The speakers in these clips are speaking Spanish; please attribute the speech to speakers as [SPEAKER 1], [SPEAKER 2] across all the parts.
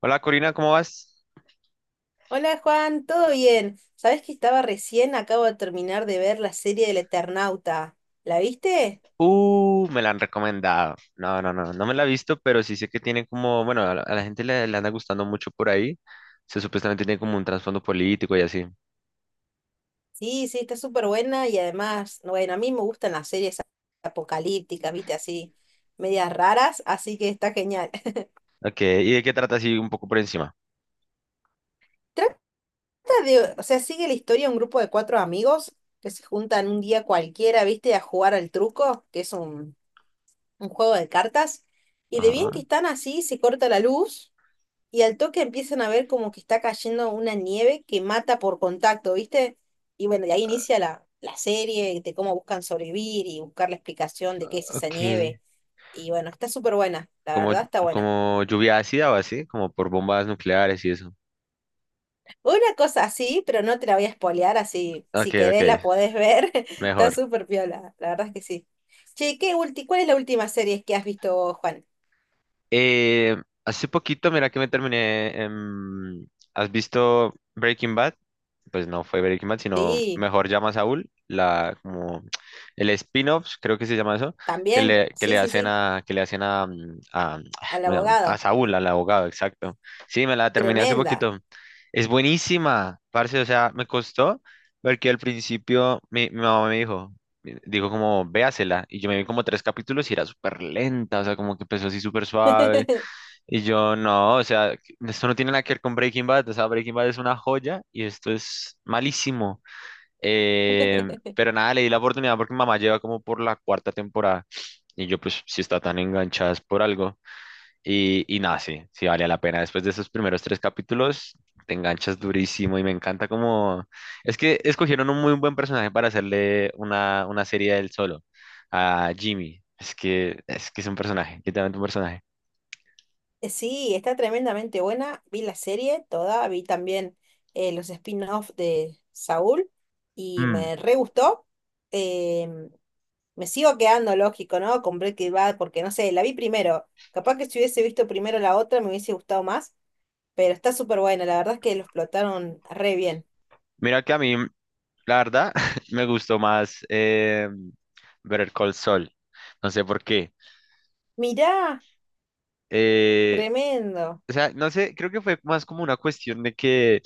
[SPEAKER 1] Hola Corina, ¿cómo vas?
[SPEAKER 2] Hola Juan, ¿todo bien? ¿Sabés que estaba recién, acabo de terminar de ver la serie del Eternauta? ¿La viste?
[SPEAKER 1] Me la han recomendado. No, no, no, no me la he visto, pero sí sé que tiene como, bueno, a la gente le anda gustando mucho por ahí. Se supuestamente tiene como un trasfondo político y así.
[SPEAKER 2] Sí, sí, está súper buena y además, bueno, a mí me gustan las series apocalípticas, viste, así, medias raras, así que está genial.
[SPEAKER 1] Ok, ¿y de qué trata así un poco por encima?
[SPEAKER 2] Trata de, o sea, sigue la historia de un grupo de cuatro amigos que se juntan un día cualquiera, viste, a jugar al truco, que es un juego de cartas, y de bien que
[SPEAKER 1] Ajá.
[SPEAKER 2] están así, se corta la luz. Y al toque empiezan a ver como que está cayendo una nieve que mata por contacto, ¿viste? Y bueno, de ahí inicia la serie de cómo buscan sobrevivir y buscar la explicación de qué es esa
[SPEAKER 1] Ok.
[SPEAKER 2] nieve. Y bueno, está súper buena, la
[SPEAKER 1] Como,
[SPEAKER 2] verdad está buena.
[SPEAKER 1] como lluvia ácida o así, como por bombas nucleares y eso.
[SPEAKER 2] Una cosa así, pero no te la voy a spoilear, así
[SPEAKER 1] Ok,
[SPEAKER 2] si
[SPEAKER 1] ok,
[SPEAKER 2] querés la podés ver. Está
[SPEAKER 1] mejor.
[SPEAKER 2] súper piola, la verdad es que sí. Che, ¿qué ulti cuál es la última serie que has visto, vos, Juan?
[SPEAKER 1] Eh, Hace poquito, mira que me terminé. ¿Has visto Breaking Bad? Pues no fue Breaking Bad, sino
[SPEAKER 2] Sí,
[SPEAKER 1] Mejor Llama a Saúl, como el spin-off, creo que se llama eso, que
[SPEAKER 2] también,
[SPEAKER 1] le, que
[SPEAKER 2] sí,
[SPEAKER 1] le
[SPEAKER 2] sí,
[SPEAKER 1] hacen
[SPEAKER 2] sí,
[SPEAKER 1] a,
[SPEAKER 2] al
[SPEAKER 1] ¿cómo se llama? A
[SPEAKER 2] abogado.
[SPEAKER 1] Saúl, al abogado, exacto. Sí, me la terminé hace
[SPEAKER 2] Tremenda.
[SPEAKER 1] poquito. Es buenísima, parce, o sea, me costó, porque al principio mi mamá me dijo, dijo como, véasela. Y yo me vi como tres capítulos y era súper lenta, o sea, como que empezó así súper suave. Y yo, no, o sea, esto no tiene nada que ver con Breaking Bad, o sea, Breaking Bad es una joya y esto es malísimo. Pero nada, le di la oportunidad porque mamá lleva como por la cuarta temporada. Y yo, pues, si está tan enganchada es por algo. Y nada, sí, sí vale la pena. Después de esos primeros tres capítulos, te enganchas durísimo y me encanta como... Es que escogieron un muy buen personaje para hacerle una serie del solo, a Jimmy. Es que es un personaje, literalmente un personaje.
[SPEAKER 2] Sí, está tremendamente buena. Vi la serie toda, vi también los spin-off de Saúl y
[SPEAKER 1] Mm.
[SPEAKER 2] me re gustó. Em, Me sigo quedando lógico, ¿no? Con Breaking Bad porque no sé, la vi primero. Capaz que si hubiese visto primero la otra me hubiese gustado más, pero está súper buena. La verdad es que lo explotaron re bien.
[SPEAKER 1] Mira que a mí, la verdad, me gustó más Better Call Saul. No sé por qué.
[SPEAKER 2] Mirá,
[SPEAKER 1] Eh,
[SPEAKER 2] tremendo.
[SPEAKER 1] O sea, no sé, creo que fue más como una cuestión de que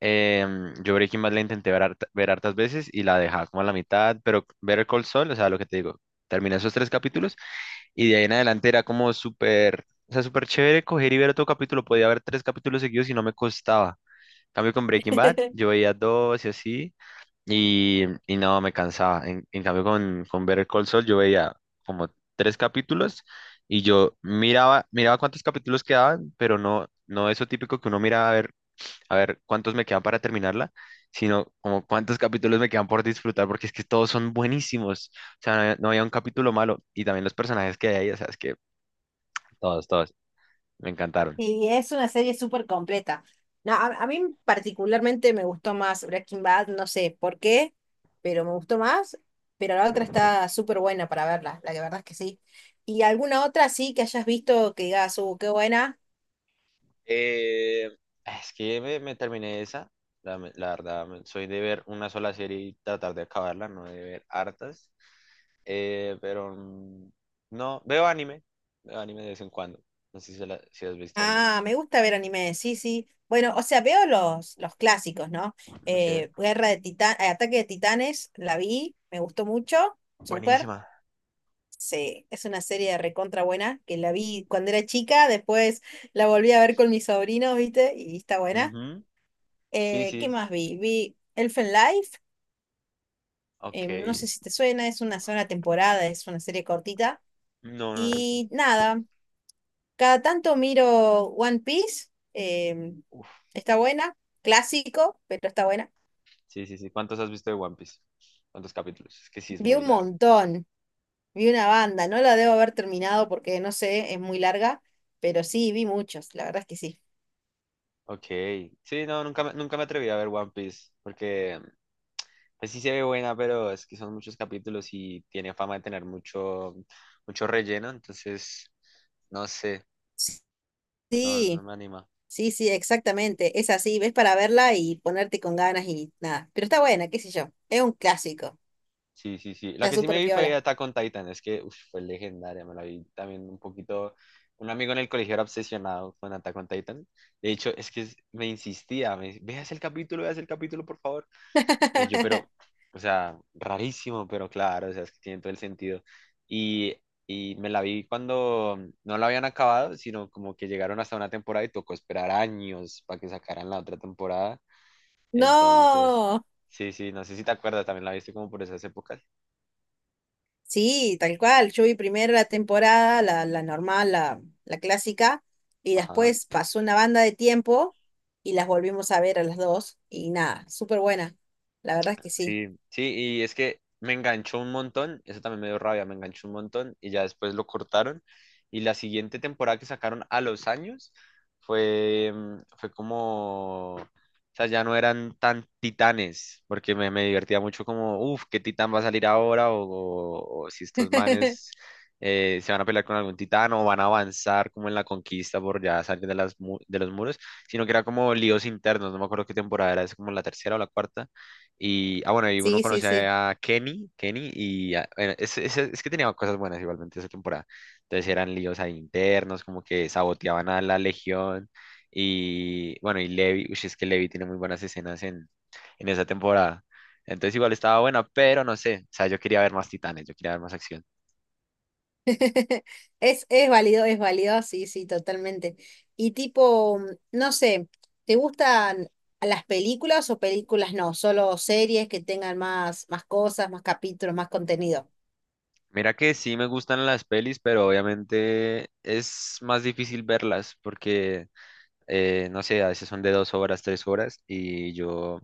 [SPEAKER 1] yo Breaking Bad la intenté ver, ver hartas veces y la dejaba como a la mitad, pero Better Call Saul, o sea, lo que te digo, terminé esos tres capítulos y de ahí en adelante era como súper, o sea, súper chévere coger y ver otro capítulo, podía ver tres capítulos seguidos y no me costaba. En cambio con Breaking Bad, yo veía dos y así, y no, me cansaba. En cambio, con Better Call Saul yo veía como tres capítulos y yo miraba cuántos capítulos quedaban, pero no, no eso típico que uno mira a ver cuántos me quedan para terminarla, sino como cuántos capítulos me quedan por disfrutar, porque es que todos son buenísimos. O sea, no había un capítulo malo y también los personajes que hay ahí, o sea, es que todos, todos, me encantaron.
[SPEAKER 2] Y es una serie súper completa. No, a mí particularmente me gustó más Breaking Bad, no sé por qué, pero me gustó más. Pero la otra está súper buena para verla, la que verdad es que sí. ¿Y alguna otra sí que hayas visto que digas, qué buena?
[SPEAKER 1] Eh, ah, es que me terminé esa. La verdad, soy de ver una sola serie y tratar de acabarla, no de ver hartas. Pero no, veo anime. Veo anime de vez en cuando. No sé si has visto
[SPEAKER 2] Ah,
[SPEAKER 1] algunos.
[SPEAKER 2] me gusta ver anime, sí, sí. Bueno, o sea, veo los clásicos, ¿no?
[SPEAKER 1] Ok.
[SPEAKER 2] Guerra de Titanes, Ataque de Titanes, la vi, me gustó mucho, súper.
[SPEAKER 1] Buenísima.
[SPEAKER 2] Sí, es una serie recontra buena que la vi cuando era chica, después la volví a ver con mis sobrinos, ¿viste? Y está buena.
[SPEAKER 1] Ujú. Sí,
[SPEAKER 2] ¿Qué
[SPEAKER 1] sí.
[SPEAKER 2] más vi? Vi Elfen Life,
[SPEAKER 1] Ok.
[SPEAKER 2] no sé si te suena, es una sola temporada, es una serie cortita.
[SPEAKER 1] No, no he visto.
[SPEAKER 2] Y nada, cada tanto miro One Piece, eh,
[SPEAKER 1] Uf.
[SPEAKER 2] está buena, clásico, pero está buena.
[SPEAKER 1] Sí, sí, sí. ¿Cuántos has visto de One Piece? ¿Cuántos capítulos? Es que sí es
[SPEAKER 2] Vi
[SPEAKER 1] muy
[SPEAKER 2] un
[SPEAKER 1] larga.
[SPEAKER 2] montón, vi una banda, no la debo haber terminado porque no sé, es muy larga, pero sí, vi muchos, la verdad es que sí.
[SPEAKER 1] Ok. Sí, no, nunca, nunca me atreví a ver One Piece porque pues sí se ve buena, pero es que son muchos capítulos y tiene fama de tener mucho, mucho relleno, entonces no sé, no, no
[SPEAKER 2] Sí.
[SPEAKER 1] me anima.
[SPEAKER 2] Sí, sí, exactamente. Es así, ves para verla y ponerte con ganas y nada. Pero está buena, qué sé yo. Es un clásico.
[SPEAKER 1] Sí, sí, sí. La
[SPEAKER 2] Está
[SPEAKER 1] que sí me
[SPEAKER 2] súper
[SPEAKER 1] vi fue
[SPEAKER 2] piola.
[SPEAKER 1] Attack on Titan, es que uf, fue legendaria, me la vi también un poquito. Un amigo en el colegio era obsesionado con Attack on Titan. De hecho, es que me insistía, veas el capítulo, por favor. Y yo, pero, o sea, rarísimo, pero claro, o sea, es que tiene todo el sentido. Y, y me la vi cuando no la habían acabado, sino como que llegaron hasta una temporada y tocó esperar años para que sacaran la otra temporada. Entonces,
[SPEAKER 2] No.
[SPEAKER 1] sí, sí, no sé si te acuerdas, también la viste como por esas épocas.
[SPEAKER 2] Sí, tal cual. Yo vi primero la temporada, la normal, la clásica, y
[SPEAKER 1] Ajá.
[SPEAKER 2] después pasó una banda de tiempo y las volvimos a ver a las dos. Y nada, súper buena. La verdad es que sí.
[SPEAKER 1] Sí, sí, y es que me enganchó un montón, eso también me dio rabia, me enganchó un montón y ya después lo cortaron. Y la siguiente temporada que sacaron a los años fue como, o sea, ya no eran tan titanes, porque me divertía mucho como, uff, ¿qué titán va a salir ahora? O si estos manes se van a pelear con algún titán o van a avanzar como en la conquista por ya salir de los muros, sino que era como líos internos, no me acuerdo qué temporada era, es como la tercera o la cuarta y, ah, bueno, y uno
[SPEAKER 2] Sí, sí,
[SPEAKER 1] conoce
[SPEAKER 2] sí.
[SPEAKER 1] a Kenny, Kenny, y bueno, es que tenía cosas buenas igualmente esa temporada. Entonces eran líos ahí internos, como que saboteaban a la Legión. Y bueno, y Levi, uy, es que Levi tiene muy buenas escenas en esa temporada. Entonces igual estaba buena, pero no sé, o sea, yo quería ver más titanes, yo quería ver más acción.
[SPEAKER 2] Es válido, sí, sí, totalmente. Y tipo, no sé, ¿te gustan las películas o películas no? Solo series que tengan más, más cosas, más capítulos, más contenido.
[SPEAKER 1] Mira que sí me gustan las pelis, pero obviamente es más difícil verlas porque, no sé, a veces son de 2 horas, 3 horas, y yo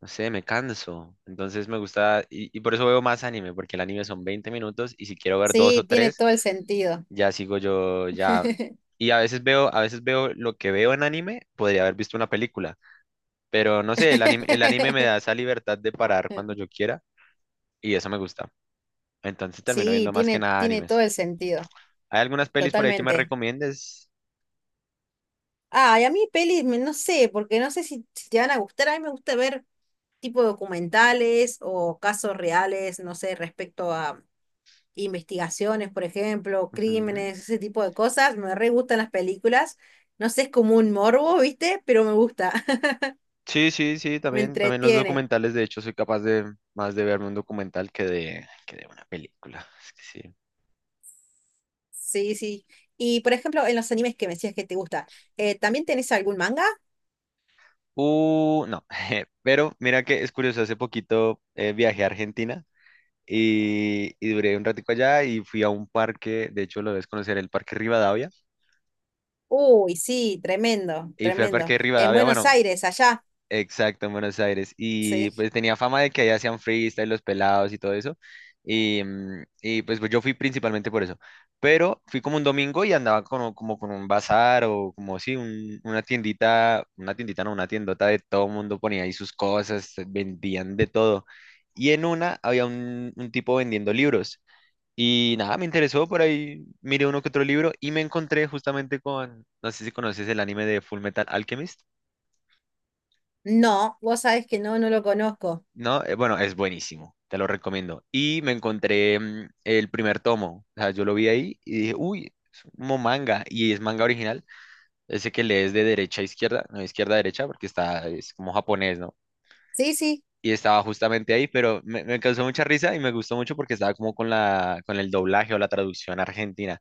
[SPEAKER 1] no sé, me canso. Entonces me gusta, y por eso veo más anime, porque el anime son 20 minutos y si quiero ver dos o
[SPEAKER 2] Sí, tiene
[SPEAKER 1] tres,
[SPEAKER 2] todo el sentido.
[SPEAKER 1] ya sigo yo, ya. Y a veces veo, lo que veo en anime, podría haber visto una película, pero no sé, el anime me da esa libertad de parar cuando yo quiera y eso me gusta. Entonces termino
[SPEAKER 2] Sí,
[SPEAKER 1] viendo más que
[SPEAKER 2] tiene,
[SPEAKER 1] nada
[SPEAKER 2] tiene todo
[SPEAKER 1] animes.
[SPEAKER 2] el sentido,
[SPEAKER 1] ¿Hay algunas pelis por ahí que me
[SPEAKER 2] totalmente.
[SPEAKER 1] recomiendes?
[SPEAKER 2] Ah, y a mí pelis, me- no sé, porque no sé si, si te van a gustar. A mí me gusta ver tipo documentales o casos reales, no sé, respecto a, investigaciones, por ejemplo,
[SPEAKER 1] Ujú.
[SPEAKER 2] crímenes, ese tipo de cosas. Me re gustan las películas. No sé, es como un morbo, ¿viste? Pero me gusta,
[SPEAKER 1] Sí, sí, sí,
[SPEAKER 2] me
[SPEAKER 1] también, también los
[SPEAKER 2] entretiene.
[SPEAKER 1] documentales, de hecho, soy capaz de más de verme un documental que de una película. Es que sí.
[SPEAKER 2] Sí, sí. Y por ejemplo, en los animes que me decías que te gusta, ¿también tenés algún manga?
[SPEAKER 1] No, pero mira que es curioso, hace poquito viajé a Argentina y duré un ratico allá y fui a un parque, de hecho lo debes conocer, el Parque Rivadavia,
[SPEAKER 2] Uy, sí, tremendo,
[SPEAKER 1] y fui al
[SPEAKER 2] tremendo.
[SPEAKER 1] Parque
[SPEAKER 2] En
[SPEAKER 1] Rivadavia,
[SPEAKER 2] Buenos
[SPEAKER 1] bueno,
[SPEAKER 2] Aires, allá,
[SPEAKER 1] exacto, en Buenos Aires. Y
[SPEAKER 2] sí.
[SPEAKER 1] pues tenía fama de que allá hacían freestyle, los pelados y todo eso. Y, pues, yo fui principalmente por eso. Pero fui como un domingo y andaba como con un bazar o como sí, una tiendita, no, una tiendota de todo mundo ponía ahí sus cosas, vendían de todo. Y en una había un tipo vendiendo libros. Y nada, me interesó por ahí, miré uno que otro libro y me encontré justamente con, no sé si conoces el anime de Full Metal Alchemist.
[SPEAKER 2] No, vos sabés que no, no lo conozco.
[SPEAKER 1] ¿No? Bueno, es buenísimo, te lo recomiendo. Y me encontré el primer tomo, o sea, yo lo vi ahí y dije, uy, es como manga, y es manga original, ese que lees de derecha a izquierda, no, izquierda a derecha, porque es como japonés, ¿no?
[SPEAKER 2] Sí, sí.
[SPEAKER 1] Y estaba justamente ahí, pero me causó mucha risa y me gustó mucho porque estaba como con la, con el doblaje o la traducción argentina.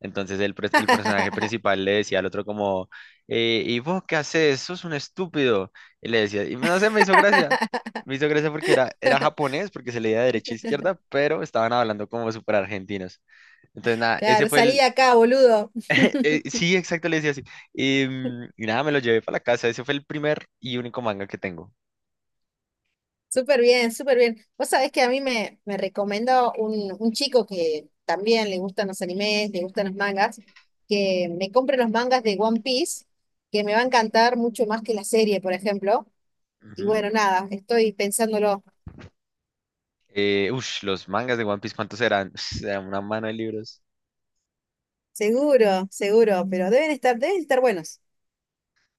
[SPEAKER 1] Entonces el personaje principal le decía al otro como, ¿y vos qué haces? Sos un estúpido. Y le decía, y no sé, me hizo gracia. Me hizo gracia porque era japonés, porque se leía de derecha a izquierda, pero estaban hablando como súper argentinos. Entonces, nada, ese
[SPEAKER 2] Claro,
[SPEAKER 1] fue
[SPEAKER 2] salí de
[SPEAKER 1] el...
[SPEAKER 2] acá, boludo.
[SPEAKER 1] Sí, exacto, le decía así. Y nada, me lo llevé para la casa. Ese fue el primer y único manga que tengo.
[SPEAKER 2] Súper bien, súper bien. Vos sabés que a mí me, me recomendó un chico que también le gustan los animes, le gustan los mangas, que me compre los mangas de One Piece, que me va a encantar mucho más que la serie, por ejemplo. Y
[SPEAKER 1] Ujú.
[SPEAKER 2] bueno, nada, estoy pensándolo.
[SPEAKER 1] Los mangas de One Piece, ¿cuántos eran? Era una mano de libros.
[SPEAKER 2] Seguro, seguro, pero deben estar buenos.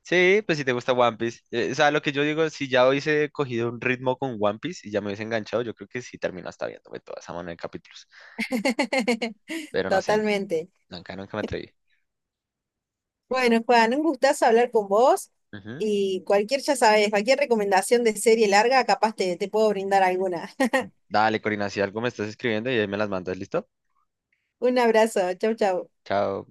[SPEAKER 1] Sí, pues si te gusta One Piece. O sea, lo que yo digo, si ya hubiese cogido un ritmo con One Piece y ya me hubiese enganchado, yo creo que sí termino hasta viéndome toda esa mano de capítulos. Pero no sé,
[SPEAKER 2] Totalmente.
[SPEAKER 1] nunca, nunca me atreví.
[SPEAKER 2] Bueno, Juan, un gustazo hablar con vos
[SPEAKER 1] Ujú.
[SPEAKER 2] y cualquier, ya sabes, cualquier recomendación de serie larga, capaz te, te puedo brindar alguna.
[SPEAKER 1] Dale, Corina, si algo me estás escribiendo y ahí me las mandas, ¿listo?
[SPEAKER 2] Un abrazo, chau, chau.
[SPEAKER 1] Chao.